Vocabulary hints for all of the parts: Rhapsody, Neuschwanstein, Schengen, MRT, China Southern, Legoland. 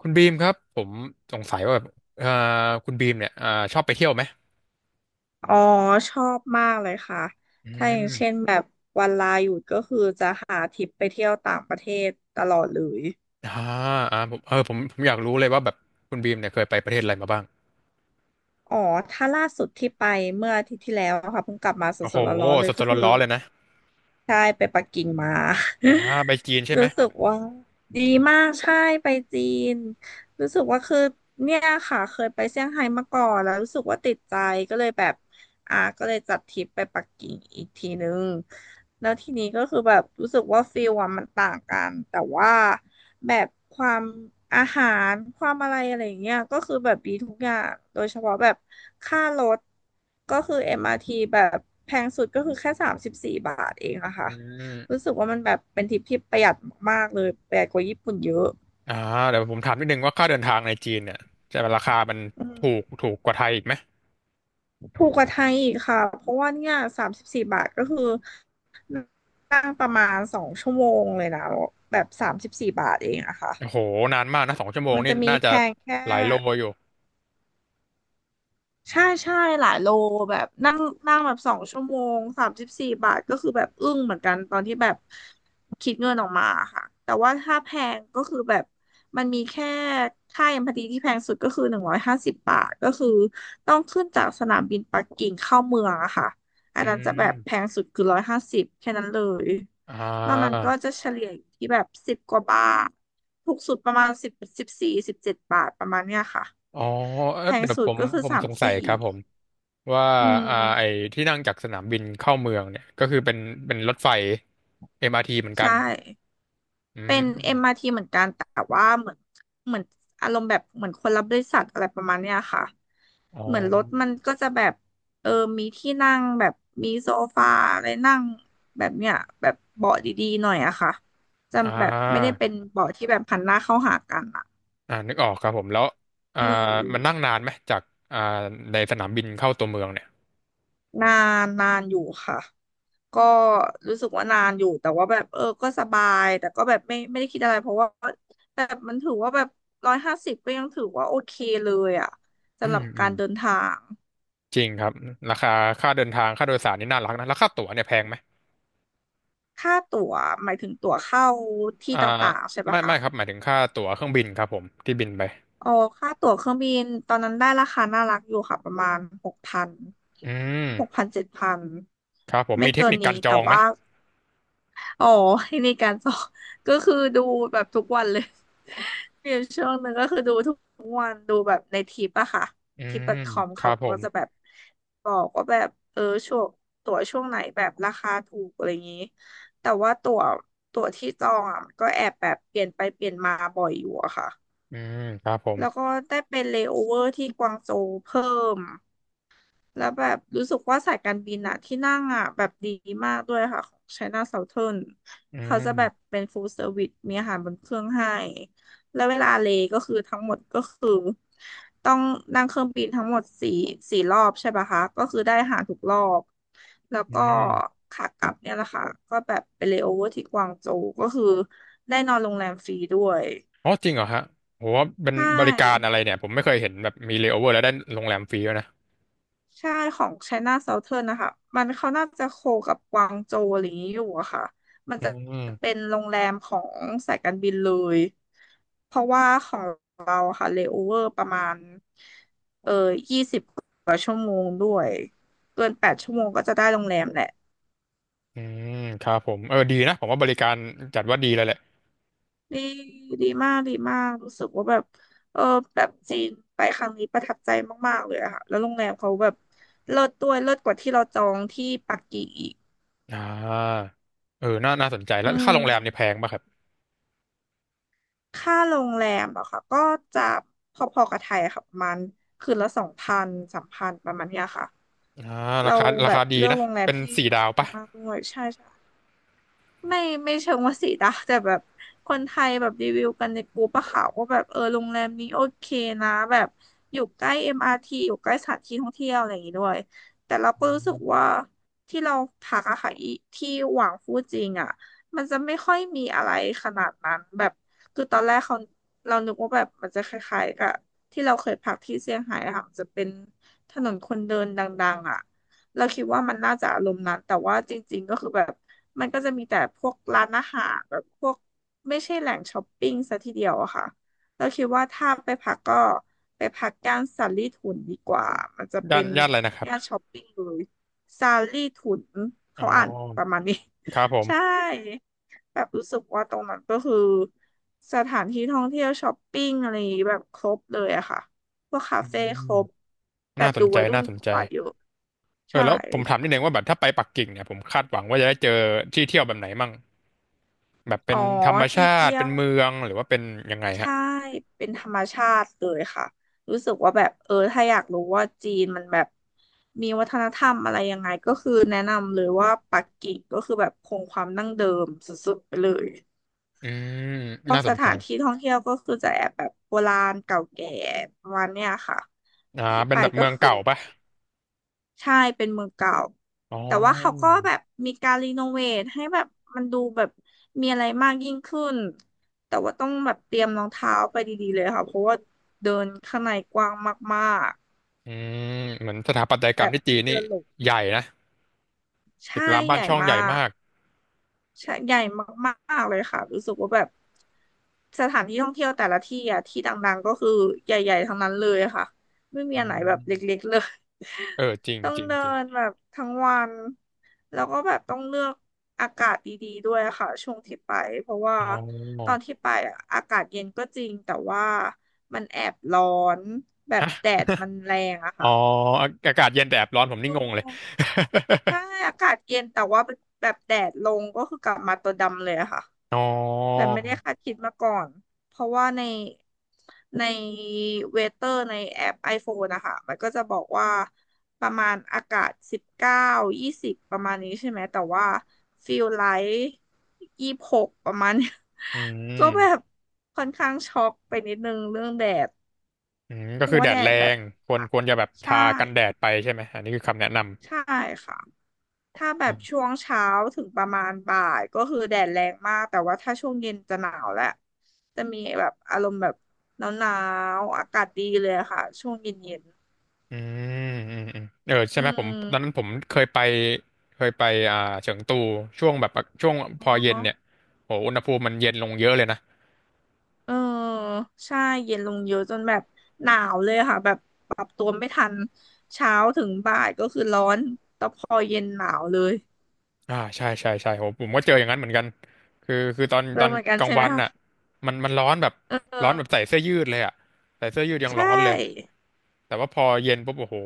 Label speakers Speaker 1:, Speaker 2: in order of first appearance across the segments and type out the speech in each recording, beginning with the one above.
Speaker 1: คุณบีมครับผมสงสัยว่าแบบเอ่อคุณบีมเนี่ยชอบไปเที่ยวไหม
Speaker 2: อ๋อชอบมากเลยค่ะ
Speaker 1: อื
Speaker 2: ถ้าอย่างเช่น
Speaker 1: ม
Speaker 2: แบบวันลาหยุดก็คือจะหาทริปไปเที่ยวต่างประเทศตลอดเลย
Speaker 1: อ่าอ่าผมเออผมผมอยากรู้เลยว่าแบบคุณบีมเนี่ยเคยไปประเทศอะไรมาบ้าง
Speaker 2: อ๋อถ้าล่าสุดที่ไปเมื่ออาทิตย์ที่แล้วอะค่ะเพิ่งกลับมาส
Speaker 1: โอ้โห
Speaker 2: ดๆร้อนๆเล
Speaker 1: ส
Speaker 2: ย
Speaker 1: ด
Speaker 2: ก็คือ
Speaker 1: ๆร้อนๆเลยนะ
Speaker 2: ใช่ไปปักกิ่งมา
Speaker 1: อ่าไปจีน ใช่ไหม
Speaker 2: รู้สึกว่าดีมากใช่ไปจีนรู้สึกว่าคือเนี่ยค่ะเคยไปเซี่ยงไฮ้มาก่อนแล้วรู้สึกว่าติดใจก็เลยแบบ ก็เลยจัดทริปไปปักกิ่งอีกทีนึงแล้วทีนี้ก็คือแบบรู้สึกว่าฟิลอะมันต่างกันแต่ว่าแบบความอาหารความอะไรอะไรอย่างเงี้ยก็คือแบบดีทุกอย่างโดยเฉพาะแบบค่ารถก็คือ MRT แบบแพงสุดก็คือแค่สามสิบสี่บาทเองอะค่ะ
Speaker 1: อื
Speaker 2: รู้
Speaker 1: ม
Speaker 2: สึกว่ามันแบบเป็นทริปที่ประหยัดมากๆเลยประหยัดกว่าญี่ปุ่นเยอะ
Speaker 1: อ่าเดี๋ยวผมถามนิดนึงว่าค่าเดินทางในจีนเนี่ยจะราคามัน
Speaker 2: อืม
Speaker 1: ถูกกว่าไทยอีกไหม
Speaker 2: ถูกกว่าไทยอีกค่ะเพราะว่าเนี่ยสามสิบสี่บาทก็คือ นั่งประมาณ2 ชั่วโมงเลยนะแบบสามสิบสี่บาทเองอะค่ะ
Speaker 1: โอ้โหนานมากนะสองชั่วโมง
Speaker 2: มัน
Speaker 1: นี่
Speaker 2: จะมี
Speaker 1: น่า
Speaker 2: แพ
Speaker 1: จะ
Speaker 2: งแค่
Speaker 1: หลายโลอยู่
Speaker 2: ใช่ใช่หลายโลแบบนั่งนั่งแบบ2 ชั่วโมง 34 บาทก็คือแบบอึ้งเหมือนกันตอนที่แบบคิดเงินออกมาค่ะแต่ว่าถ้าแพงก็คือแบบมันมีแค่ค่าเอ็มพาตีที่แพงสุดก็คือ150 บาทก็คือต้องขึ้นจากสนามบินปักกิ่งเข้าเมืองอะค่ะอั
Speaker 1: อื
Speaker 2: นนั้นจะแบบแพ
Speaker 1: ม
Speaker 2: งสุดคือร้อยห้าสิบแค่นั้นเลย
Speaker 1: อ่
Speaker 2: นอกนั้นก็
Speaker 1: า
Speaker 2: จะเฉลี่ยอยู่ที่แบบสิบกว่าบาทถูกสุดประมาณสิบสิบสี่สิบเจ็ดบาทประมาณเนี้ยค่ะ
Speaker 1: อ๋อเอ้
Speaker 2: แพ
Speaker 1: อ
Speaker 2: ง
Speaker 1: เดี๋ยว
Speaker 2: สุ
Speaker 1: ผ
Speaker 2: ด
Speaker 1: ม
Speaker 2: ก็คือ
Speaker 1: ผม
Speaker 2: สาม
Speaker 1: สงสัย
Speaker 2: สี่
Speaker 1: ครับผม ว่า
Speaker 2: อืม
Speaker 1: ไอ้ที่นั่งจากสนามบินเข้าเมืองเนี่ยก็คือเป็นรถไฟ MRT เหมือนกัน
Speaker 2: ใช่
Speaker 1: อื
Speaker 2: เป็น m
Speaker 1: ม
Speaker 2: ทีเหมือนกันแต่ว่าเหมือนเหมือนอารมณ์แบบเหมือนคนรับบริษัทอะไรประมาณเนี้ยค่ะ
Speaker 1: อ๋อ
Speaker 2: เหมือนรถมันก็จะแบบเออมีที่นั่งแบบมีโซฟาอะไรนั่งแบบเนี้ยแบบเบาะดีๆหน่อยอะค่ะจะ
Speaker 1: อ่
Speaker 2: แบบไม่ได้
Speaker 1: า
Speaker 2: เป็นเบาะที่แบบหันหน้าเข้าหากันอะ
Speaker 1: อ่านึกออกครับผมแล้วอ่า
Speaker 2: อื
Speaker 1: มันนั่ง
Speaker 2: ม
Speaker 1: นานไหมจากอ่าในสนามบินเข้าตัวเมืองเนี่ย
Speaker 2: นานอยู่ค่ะ ก็รู้สึกว่านานอยู่แต่ว่าแบบก็สบายแต่ก็แบบไม่ได้คิดอะไรเพราะว่าแบบมันถือว่าแบบร้อยห้าสิบก็ยังถือว่าโอเคเลยอ่ะ
Speaker 1: อื
Speaker 2: สำหรั
Speaker 1: ม
Speaker 2: บ
Speaker 1: อื
Speaker 2: กา
Speaker 1: ม
Speaker 2: รเดินทาง
Speaker 1: จริงครับราคาค่าเดินทางค่าโดยสารนี่น่ารักนะแล้วค่าตั๋วเนี่ยแพงไหม
Speaker 2: ค่าตั๋วหมายถึงตั๋วเข้าที่
Speaker 1: อ่า
Speaker 2: ต่างๆใช่ปะ
Speaker 1: ไม่
Speaker 2: คะ
Speaker 1: ไม่ครับหมายถึงค่าตั๋วเครื่องบินครับผมที่บินไป
Speaker 2: อ๋อค่าตั๋วเครื่องบินตอนนั้นได้ราคาน่ารักอยู่ค่ะประมาณหกพัน
Speaker 1: อืม
Speaker 2: 7,000
Speaker 1: ครับผม
Speaker 2: ไม่
Speaker 1: มีเทค
Speaker 2: เกิน
Speaker 1: นิคกา
Speaker 2: นี้
Speaker 1: รจอ
Speaker 2: แต่
Speaker 1: งไหม
Speaker 2: ว่า อ๋อให้ในคการสอบ ก็คือดูแบบทุกวันเลย มีอยู่ช่วงหนึ่งก็คือดูทุกวันดูแบบในทิปอะค่ะ
Speaker 1: อื
Speaker 2: ทิปดอ
Speaker 1: ม
Speaker 2: ทคอม
Speaker 1: ค
Speaker 2: เขา
Speaker 1: รับผ
Speaker 2: ก็
Speaker 1: ม
Speaker 2: จะแบบบอกว่าแบบช่วงตั๋วช่วงไหนแบบราคาถูกอะไรอย่างนี้แต่ว่าตั๋วที่จองอะก็แอบแบบเปลี่ยนไปเปลี่ยนมาบ่อยอยู่อะค่ะ
Speaker 1: อืมครับผม
Speaker 2: แล้วก็ได้เป็นเลโอเวอร์ที่กวางโจวเพิ่ม แล้วแบบรู้สึกว่าสายการบินอะที่นั่งอะแบบดีมากด้วยค่ะของ China Southern
Speaker 1: อื
Speaker 2: เขาจะ
Speaker 1: ม
Speaker 2: แบบเป็น full service มีอาหารบนเครื่องให้ แล้วเวลาเลก็คือทั้งหมดก็คือต้องนั่งเครื่องบินทั้งหมดสี่รอบใช่ปะคะก็คือได้อาหารทุกรอบแล้ว
Speaker 1: อื
Speaker 2: ก็
Speaker 1: ม
Speaker 2: ขากลับเนี่ยแหละค่ะก็แบบไปเลโอเวอร์ที่กวางโจวก็คือได้นอนโรงแรมฟรีด้วย
Speaker 1: อ๋อจริงเหรอฮะโหเป็น
Speaker 2: ใช
Speaker 1: บริการ
Speaker 2: ่
Speaker 1: อะไรเนี่ยผมไม่เคยเห็นแบบมีเลย์โอเวอร์แล้วได้โรงแรมฟรีด้วยนะ
Speaker 2: ใช่ของ China Southern นะคะ มันเขาน่าจะโคกับกวางโจวอะไรอย่างนี้อยู่อะค่ะ มัน
Speaker 1: อื
Speaker 2: จะ
Speaker 1: ม
Speaker 2: เป็นโรงแรมของสายการบินเลย เพราะว่าของเราอะค่ะเลโอเวอร์ประมาณเกิน8 ชั่วโมงก็จะได้โรงแรมแหละ
Speaker 1: อืมครับผมเออดีนะผมว่าบริการจัดว่าดีเลยแหละ
Speaker 2: ดีดีมากรู้สึกว่าแบบเออแบบจีนไปครั้งนี้ประทับใจมากๆเลยอะค่ะ แล้วโรงแรมเขาแบบเลิศด้วยเลิศกว่าที่เราจองที่ปักกิ่งอีก
Speaker 1: อ่าเออน่าน่าสนใจแล้
Speaker 2: อื
Speaker 1: วค่า
Speaker 2: ม
Speaker 1: โรงแรมนี่แพงป่ะครับ
Speaker 2: ค่าโรงแรมอะค่ะก็จะพอๆกับไทยอะค่ะประมาณคืนละ2,0003,000ประมาณเนี้ยค่ะ
Speaker 1: อ่ารา
Speaker 2: เรา
Speaker 1: คารา
Speaker 2: แบบ
Speaker 1: คาดี
Speaker 2: เลือก
Speaker 1: นะ
Speaker 2: โรงแรม
Speaker 1: เป็น
Speaker 2: ที่
Speaker 1: สี่
Speaker 2: ไม่
Speaker 1: ดาว
Speaker 2: แพ
Speaker 1: ป่ะ
Speaker 2: งมากด้วยใช่ใช่ ไม่ไม่เชิงว่าสีดาแต่แบบคนไทยแบบรีวิวกันในกลุ่มปะค่ะว่าแบบเออโรงแรมนี้โอเคนะแบบอยู่ใกล้เอ็มอาร์ทีอยู่ใกล้สถานที่ท่องเที่ยวอะไรอย่างงี้ด้วยแต่เราก็รู้สึกว่าที่เราพักอะค่ะอีที่หวังฟูจิงอะมันจะไม่ค่อยมีอะไรขนาดนั้นแบบคือตอนแรกเรานึกว่าแบบมันจะคล้ายๆกับที่เราเคยพักที่เซี่ยงไฮ้อะค่ะมันจะเป็นถนนคนเดินดังๆอะ เราคิดว่ามันน่าจะอารมณ์นั้นแต่ว่าจริงๆก็คือแบบมันก็จะมีแต่พวกร้านอาหารแบบพวกไม่ใช่แหล่งช้อปปิ้งซะทีเดียวอะค่ะเราคิดว่าถ้าไปพักก็ไปพักย่านซารีถุนดีกว่ามันจะ
Speaker 1: ย่า
Speaker 2: เป็
Speaker 1: น
Speaker 2: น
Speaker 1: ย่านอะไรนะครับ
Speaker 2: ย่านช้อปปิ้งเลยซารีถุน
Speaker 1: อ๋อ
Speaker 2: เขาอ่านประมาณนี้
Speaker 1: ครับผ ม
Speaker 2: ใช่แบบรู้สึกว่าตรงนั้นก็คือสถานที่ท่องเที่ยวช้อปปิ้งอะไรอย่างงี้แบบครบเลยอะค่ะพวกคา
Speaker 1: อื
Speaker 2: เฟ่ค
Speaker 1: ม
Speaker 2: รบแบ
Speaker 1: น่า
Speaker 2: บ
Speaker 1: ส
Speaker 2: ดู
Speaker 1: นใจ
Speaker 2: วัยรุ่
Speaker 1: น่า
Speaker 2: น
Speaker 1: สนใจ
Speaker 2: กว่าเยอะ
Speaker 1: เออ
Speaker 2: ใช่
Speaker 1: แล้วผมถามนิดนึงว่าแบบถ้าไปปักกิ่งเนี่ยผมคาดหวังว่าจะได้เจอที่เที่ยวแบบไหนมั่ง แบบเป็
Speaker 2: อ๋อ
Speaker 1: นธรรม
Speaker 2: ที่
Speaker 1: ชา
Speaker 2: เที่
Speaker 1: ติ
Speaker 2: ย
Speaker 1: เป็น
Speaker 2: ว
Speaker 1: เมืองหรือว่าเป็นยังไงฮะ
Speaker 2: ใช่เป็นธรรมชาติเลยค่ะรู้สึกว่าแบบเออถ้าอยากรู้ว่าจีนมันแบบมีวัฒนธรรมอะไรยังไงก็คือแนะนำเลยว่าปักกิ่งก็คือแบบคงความดั้งเดิมสุดๆไปเลย
Speaker 1: อืม
Speaker 2: พวก
Speaker 1: น่าส
Speaker 2: ส
Speaker 1: นใจ
Speaker 2: ถานที่ท่องเที่ยวก็คือจะแอบแบบโบราณเก่าแก่ประมาณเนี้ยค่ะที่
Speaker 1: เป็
Speaker 2: ไป
Speaker 1: นแบบ
Speaker 2: ก็
Speaker 1: เมือง
Speaker 2: คือ
Speaker 1: เก่า
Speaker 2: แบบ
Speaker 1: ปะ
Speaker 2: ใช่เป็นเมืองเก่า
Speaker 1: อ๋อ
Speaker 2: แต่ว่าเขาก็แบบมีการรีโนเวทให้แบบมันดูแบบมีอะไรมากยิ่งขึ้นแต่ว่าต้องแบบเตรียมรองเท้าไปดีๆเลยค่ะเพราะว่าเดินข้างในกว้างมาก
Speaker 1: อืมเหมือนสถาปัตย
Speaker 2: ๆ
Speaker 1: ก
Speaker 2: แบ
Speaker 1: รรม
Speaker 2: บ
Speaker 1: ที่จี
Speaker 2: มี
Speaker 1: นนี่
Speaker 2: เดินหลง
Speaker 1: ใหญ่นะตึ
Speaker 2: ใช่
Speaker 1: กราม
Speaker 2: ให
Speaker 1: บ้าน
Speaker 2: ญ่
Speaker 1: ช่อง
Speaker 2: มา
Speaker 1: ใหญ่
Speaker 2: ก
Speaker 1: มาก
Speaker 2: ใช่ใหญ่มากๆเลยค่ะรู้สึกว่าแบบสถานที่ท่องเที่ยวแต่ละที่อ่ะที่ดังๆก็คือใหญ่ๆทั้งนั้นเลยค่ะไม่มี
Speaker 1: อื
Speaker 2: อันไหนแบ
Speaker 1: ม
Speaker 2: บเล็กๆเลย
Speaker 1: เออจริง
Speaker 2: ต้อง
Speaker 1: จริง
Speaker 2: เดิ
Speaker 1: จริง
Speaker 2: นแบบทั้งวันแล้วก็แบบต้องเลือกอากาศดีๆด้วยค่ะช่วงที่ไปเพราะว่า
Speaker 1: อ๋
Speaker 2: ตอ
Speaker 1: อ
Speaker 2: นที่ไปอะอากาศเย็นก็จริงแต่ว่ามันแอบร้อนแบบ
Speaker 1: ฮะ
Speaker 2: แดดมันแรงอะ
Speaker 1: อ๋อ
Speaker 2: ค่ะ
Speaker 1: อาอากาศเย็นแต่แอบร้อนผมนี่
Speaker 2: อื
Speaker 1: งงเลย
Speaker 2: มใช่อากาศเย็นแต่ว่าแบบแดดลงก็คือกลับมาตัวดำเลยอะค่ะ
Speaker 1: อ๋อ
Speaker 2: แบบไม่ได้คาดคิดมาก่อน เพราะว่าในเวเตอร์ในแอป iPhone นะคะ มันก็จะบอกว่าประมาณอากาศ19ยี่สิบประมาณนี้ใช่ไหม แต่ว่าฟิลไลท์26ประมาณเนี้ย
Speaker 1: อื
Speaker 2: ก็
Speaker 1: ม
Speaker 2: แบบค่อนข้างช็อกไปนิดนึงเรื่องแดด
Speaker 1: อืม
Speaker 2: เพ
Speaker 1: ก็
Speaker 2: ราะ
Speaker 1: คือ
Speaker 2: ว่า
Speaker 1: แด
Speaker 2: แด
Speaker 1: ดแร
Speaker 2: ดแบบ
Speaker 1: งควรจะแบบ
Speaker 2: ใช่
Speaker 1: ทากันแดดไปใช่ไหมอันนี้คือคำแนะน
Speaker 2: ใช่ค่ะ ถ้าแบ
Speaker 1: ำ
Speaker 2: บช่วงเช้าถึงประมาณบ่ายก็คือแดดแรงมากแต่ว่าถ้าช่วงเย็นจะหนาวแล้วจะมีแบบอารมณ์แบบหนาวๆอากาศดีเลยอะค่ะช่วงเย็นๆ
Speaker 1: อืมอืมอืมเออใช่
Speaker 2: อื
Speaker 1: ไหมผมตอนนั้น
Speaker 2: ม
Speaker 1: ผมเคยไปเฉิงตูช่วงแบบช่วงพอเย็น
Speaker 2: อ๋อ
Speaker 1: เนี่ยโหอุณหภูมิมันเย็นลงเยอะเลยนะ
Speaker 2: เออใช่เย็นลงเยอะจนแบบหนาวเลยค่ะแบบปรับตัวไม่ทันเช้าถึงบ่ายก็คือร้อนแต่พอเย็นหนาวเลย
Speaker 1: ใช่ใช่ใช่โหผมก็เจออย่างนั้นเหมือนกันคือคือตอนต
Speaker 2: เริ่
Speaker 1: อ
Speaker 2: ม
Speaker 1: น
Speaker 2: เหมือนกัน
Speaker 1: กลาง
Speaker 2: ใช่ไหม
Speaker 1: วัน
Speaker 2: คะ
Speaker 1: น่ะมันร้อนแบบ
Speaker 2: เออ
Speaker 1: ร้อนแบบใส่เสื้อยืดเลยอ่ะใส่เสื้อยืดยังร้
Speaker 2: ใช่
Speaker 1: อนเลยแต่ว่าพอเย็นปุ๊บโอ้โห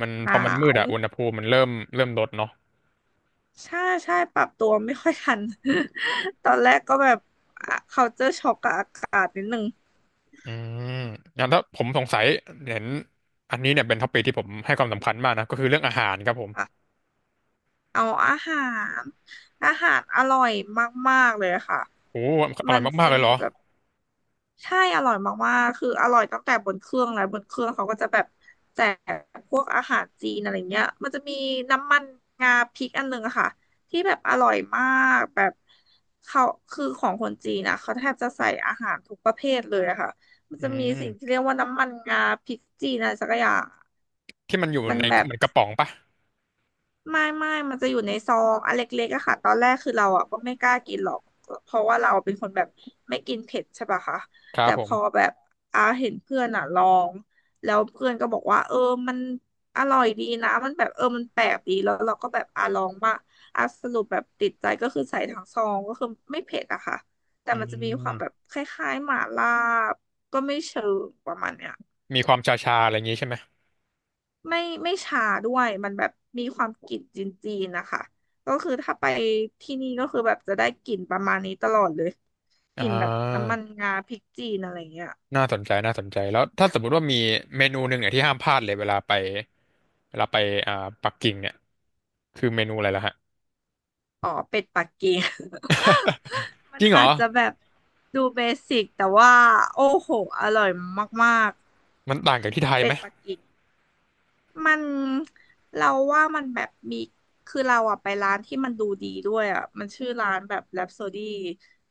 Speaker 1: มัน
Speaker 2: ห
Speaker 1: พอ
Speaker 2: นา
Speaker 1: มันมืด
Speaker 2: ว
Speaker 1: อ่ะอุณหภูมิมันเริ่มเริ่มลดเนาะ
Speaker 2: ใช่ใช่ปรับตัวไม่ค่อยทัน ตอนแรกก็แบบเ t าเจอช็อกกับอากาศนิดนึง
Speaker 1: อืมงั้นถ้าผมสงสัยเห็นอันนี้เนี่ยเป็นท็อปิกที่ผมให้ความสำคัญมากนะก็คือเรื่องอาหารครับผม
Speaker 2: อะเอารอาหารอร่อยมากๆเลยค่ะ
Speaker 1: โอ้อ
Speaker 2: มั
Speaker 1: ร่อ
Speaker 2: น
Speaker 1: ยมาก
Speaker 2: จะ
Speaker 1: ๆเลยเห
Speaker 2: มี
Speaker 1: รอ
Speaker 2: แบบ ใช่อร่อยมากๆคืออร่อยตั้งแต่บนเครื่องแล้วบนเครื่องเขาก็จะแบบแจกพวกอาหารจีนอะไรเงี้ยมันจะมีน้ำมันงาพริกอันหนึ่งอะค่ะที่แบบอร่อยมากแบบเขาคือของคนจีนนะเขาแทบจะใส่อาหารทุกประเภทเลยอะค่ะมัน
Speaker 1: อื
Speaker 2: จะมีสิ่งที่
Speaker 1: ม
Speaker 2: เรียกว่าน้ำมันงาพริกจีนอะไรสักอย่าง
Speaker 1: ที่มันอยู่
Speaker 2: มัน
Speaker 1: ใน
Speaker 2: แบบ
Speaker 1: เหมือนกระป๋องปะ
Speaker 2: ไม่มันจะอยู่ในซองอันเล็กๆอะค่ะตอนแรกคือเราอะก็ไม่กล้ากินหรอก เพราะว่าเราเป็นคนแบบไม่กินเผ็ดใช่ปะคะ
Speaker 1: ครั
Speaker 2: แต่
Speaker 1: บผ
Speaker 2: พอ
Speaker 1: ม
Speaker 2: แบบอาเห็นเพื่อนอะลองแล้วเพื่อนก็บอกว่าเออมันอร่อยดีนะมันแบบเออมันแปลกดีแล้วเราก็แบบอาลองมาอาสรุปแบบติดใจก็คือใส่ทั้งซองก็คือไม่เผ็ดอะค่ะแต่
Speaker 1: อื
Speaker 2: มันจะมีความแบบ
Speaker 1: ม
Speaker 2: คล้ายๆหม่าล่าก็ไม่เชิงประมาณเนี้ย
Speaker 1: มีความชาๆอะไรอย่างงี้ใช่ไหม
Speaker 2: ไม่ไม่ชาด้วยมันแบบมีความกลิ่นจีนๆนะคะก็คือถ้าไปที่นี่ก็คือแบบจะได้กลิ่นประมาณนี้ตลอดเลยก
Speaker 1: อ่
Speaker 2: ลิ่นแบบน้ำ
Speaker 1: า
Speaker 2: มันงาพริกจีนอะไรเงี้ย
Speaker 1: น่าสนใจน่าสนใจแล้วถ้าสมมุติว่ามีเมนูหนึ่งเนี่ยที่ห้ามพลาดเลยเวลาไปอ่าปักกิ่งเนี่ยคือเมนูอะไรล่ะฮะ
Speaker 2: อ๋อเป็ดปักกิ่ง มั
Speaker 1: จ
Speaker 2: น
Speaker 1: ริงเหร
Speaker 2: อา
Speaker 1: อ
Speaker 2: จจะแบบดูเบสิกแต่ว่าโอ้โหอร่อยมาก
Speaker 1: มันต่างจากที่ไท
Speaker 2: ๆ
Speaker 1: ย
Speaker 2: เป็
Speaker 1: ไหม
Speaker 2: ดปักกิ่ง มันเราว่ามันแบบมีคือเราอะไปร้านที่มันดูดีด้วยอะมันชื่อร้านแบบ Rhapsody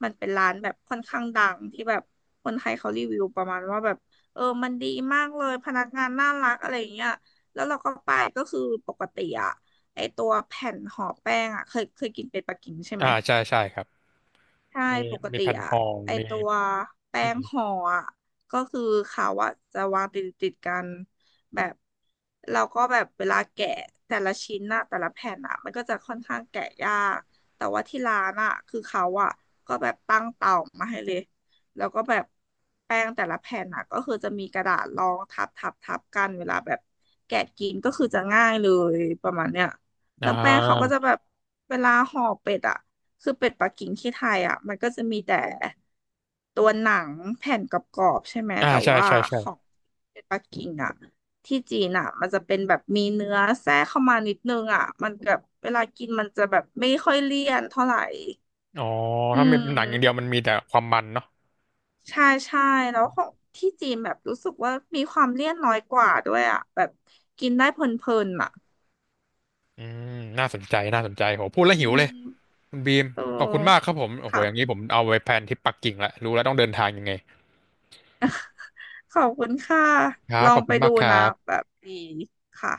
Speaker 2: มันเป็นร้านแบบค่อนข้างดังที่แบบคนไทยเขารีวิวประมาณว่าแบบเออมันดีมากเลยพนักงานน่ารักอะไรอย่างเงี้ยแล้วเราก็ไปก็คือปกติอะไอตัวแผ่นห่อแป้งอะเคยกินเป็นปักกิ่งใช่ไหม
Speaker 1: ใช่ใช่ครับ
Speaker 2: ใช่
Speaker 1: มี
Speaker 2: ปก
Speaker 1: มี
Speaker 2: ติ
Speaker 1: แผ่นท
Speaker 2: อะ
Speaker 1: อง
Speaker 2: ไอ
Speaker 1: มี
Speaker 2: ตัวแป้
Speaker 1: อื
Speaker 2: ง
Speaker 1: ม
Speaker 2: ห่ออะก็คือเขาอะจะวางติดกันแบบเราก็แบบเวลาแกะแต่ละชิ้นอะแต่ละแผ่นอะมันก็จะค่อนข้างแกะยากแต่ว่าที่ร้านอะคือเขาอะก็แบบตั้งเตามาให้เลยแล้วก็แบบแป้งแต่ละแผ่นอะก็คือจะมีกระดาษรองทับทับทับกันเวลาแบบแกะกินก็คือจะง่ายเลยประมาณเนี้ย
Speaker 1: อ่
Speaker 2: แล้วแป้งเขาก็
Speaker 1: า
Speaker 2: จะแบบเวลาห่อเป็ดอะ คือเป็ดปักกิ่งที่ไทยอ่ะมันก็จะมีแต่ตัวหนังแผ่นกรอบๆใช่ไหม
Speaker 1: อ่า
Speaker 2: แต่
Speaker 1: ใช่
Speaker 2: ว่า
Speaker 1: ใช่ใช่
Speaker 2: ของเป็ดปักกิ่งอ่ะที่จีนอ่ะมันจะเป็นแบบมีเนื้อแทรกเข้ามานิดนึงอ่ะมันแบบเวลากินมันจะแบบไม่ค่อยเลี่ยนเท่าไหร่
Speaker 1: อ๋อ
Speaker 2: อื
Speaker 1: ถ้ามีหนังอย่างเดียว
Speaker 2: ม
Speaker 1: มันมีแต่ความมันเนาะ
Speaker 2: ใช่ใช่แล้วของที่จีนแบบรู้สึกว่ามีความเลี่ยนน้อยกว่าด้วยอ่ะแบบกินได้เพลินๆอ่ะ
Speaker 1: อืมน่าสนใจ น่าสนใจโหพูดแล้ว
Speaker 2: อื
Speaker 1: หิวเลย
Speaker 2: ม
Speaker 1: คุณบีม
Speaker 2: เอ
Speaker 1: ขอบคุณมากค
Speaker 2: อ
Speaker 1: รับผม โอ้โห
Speaker 2: ค่ะ
Speaker 1: อย่างนี้ผมเอาไว้แพลนทริปปักกิ่งละรู้แล้วต้องเดินทางยังไง
Speaker 2: ขอบคุณค่ะ
Speaker 1: ครั
Speaker 2: ล
Speaker 1: บ
Speaker 2: อ
Speaker 1: ข
Speaker 2: ง
Speaker 1: อบ
Speaker 2: ไป
Speaker 1: คุณ
Speaker 2: ดู
Speaker 1: มากค
Speaker 2: นะ
Speaker 1: รับ
Speaker 2: แบบดีค่ะ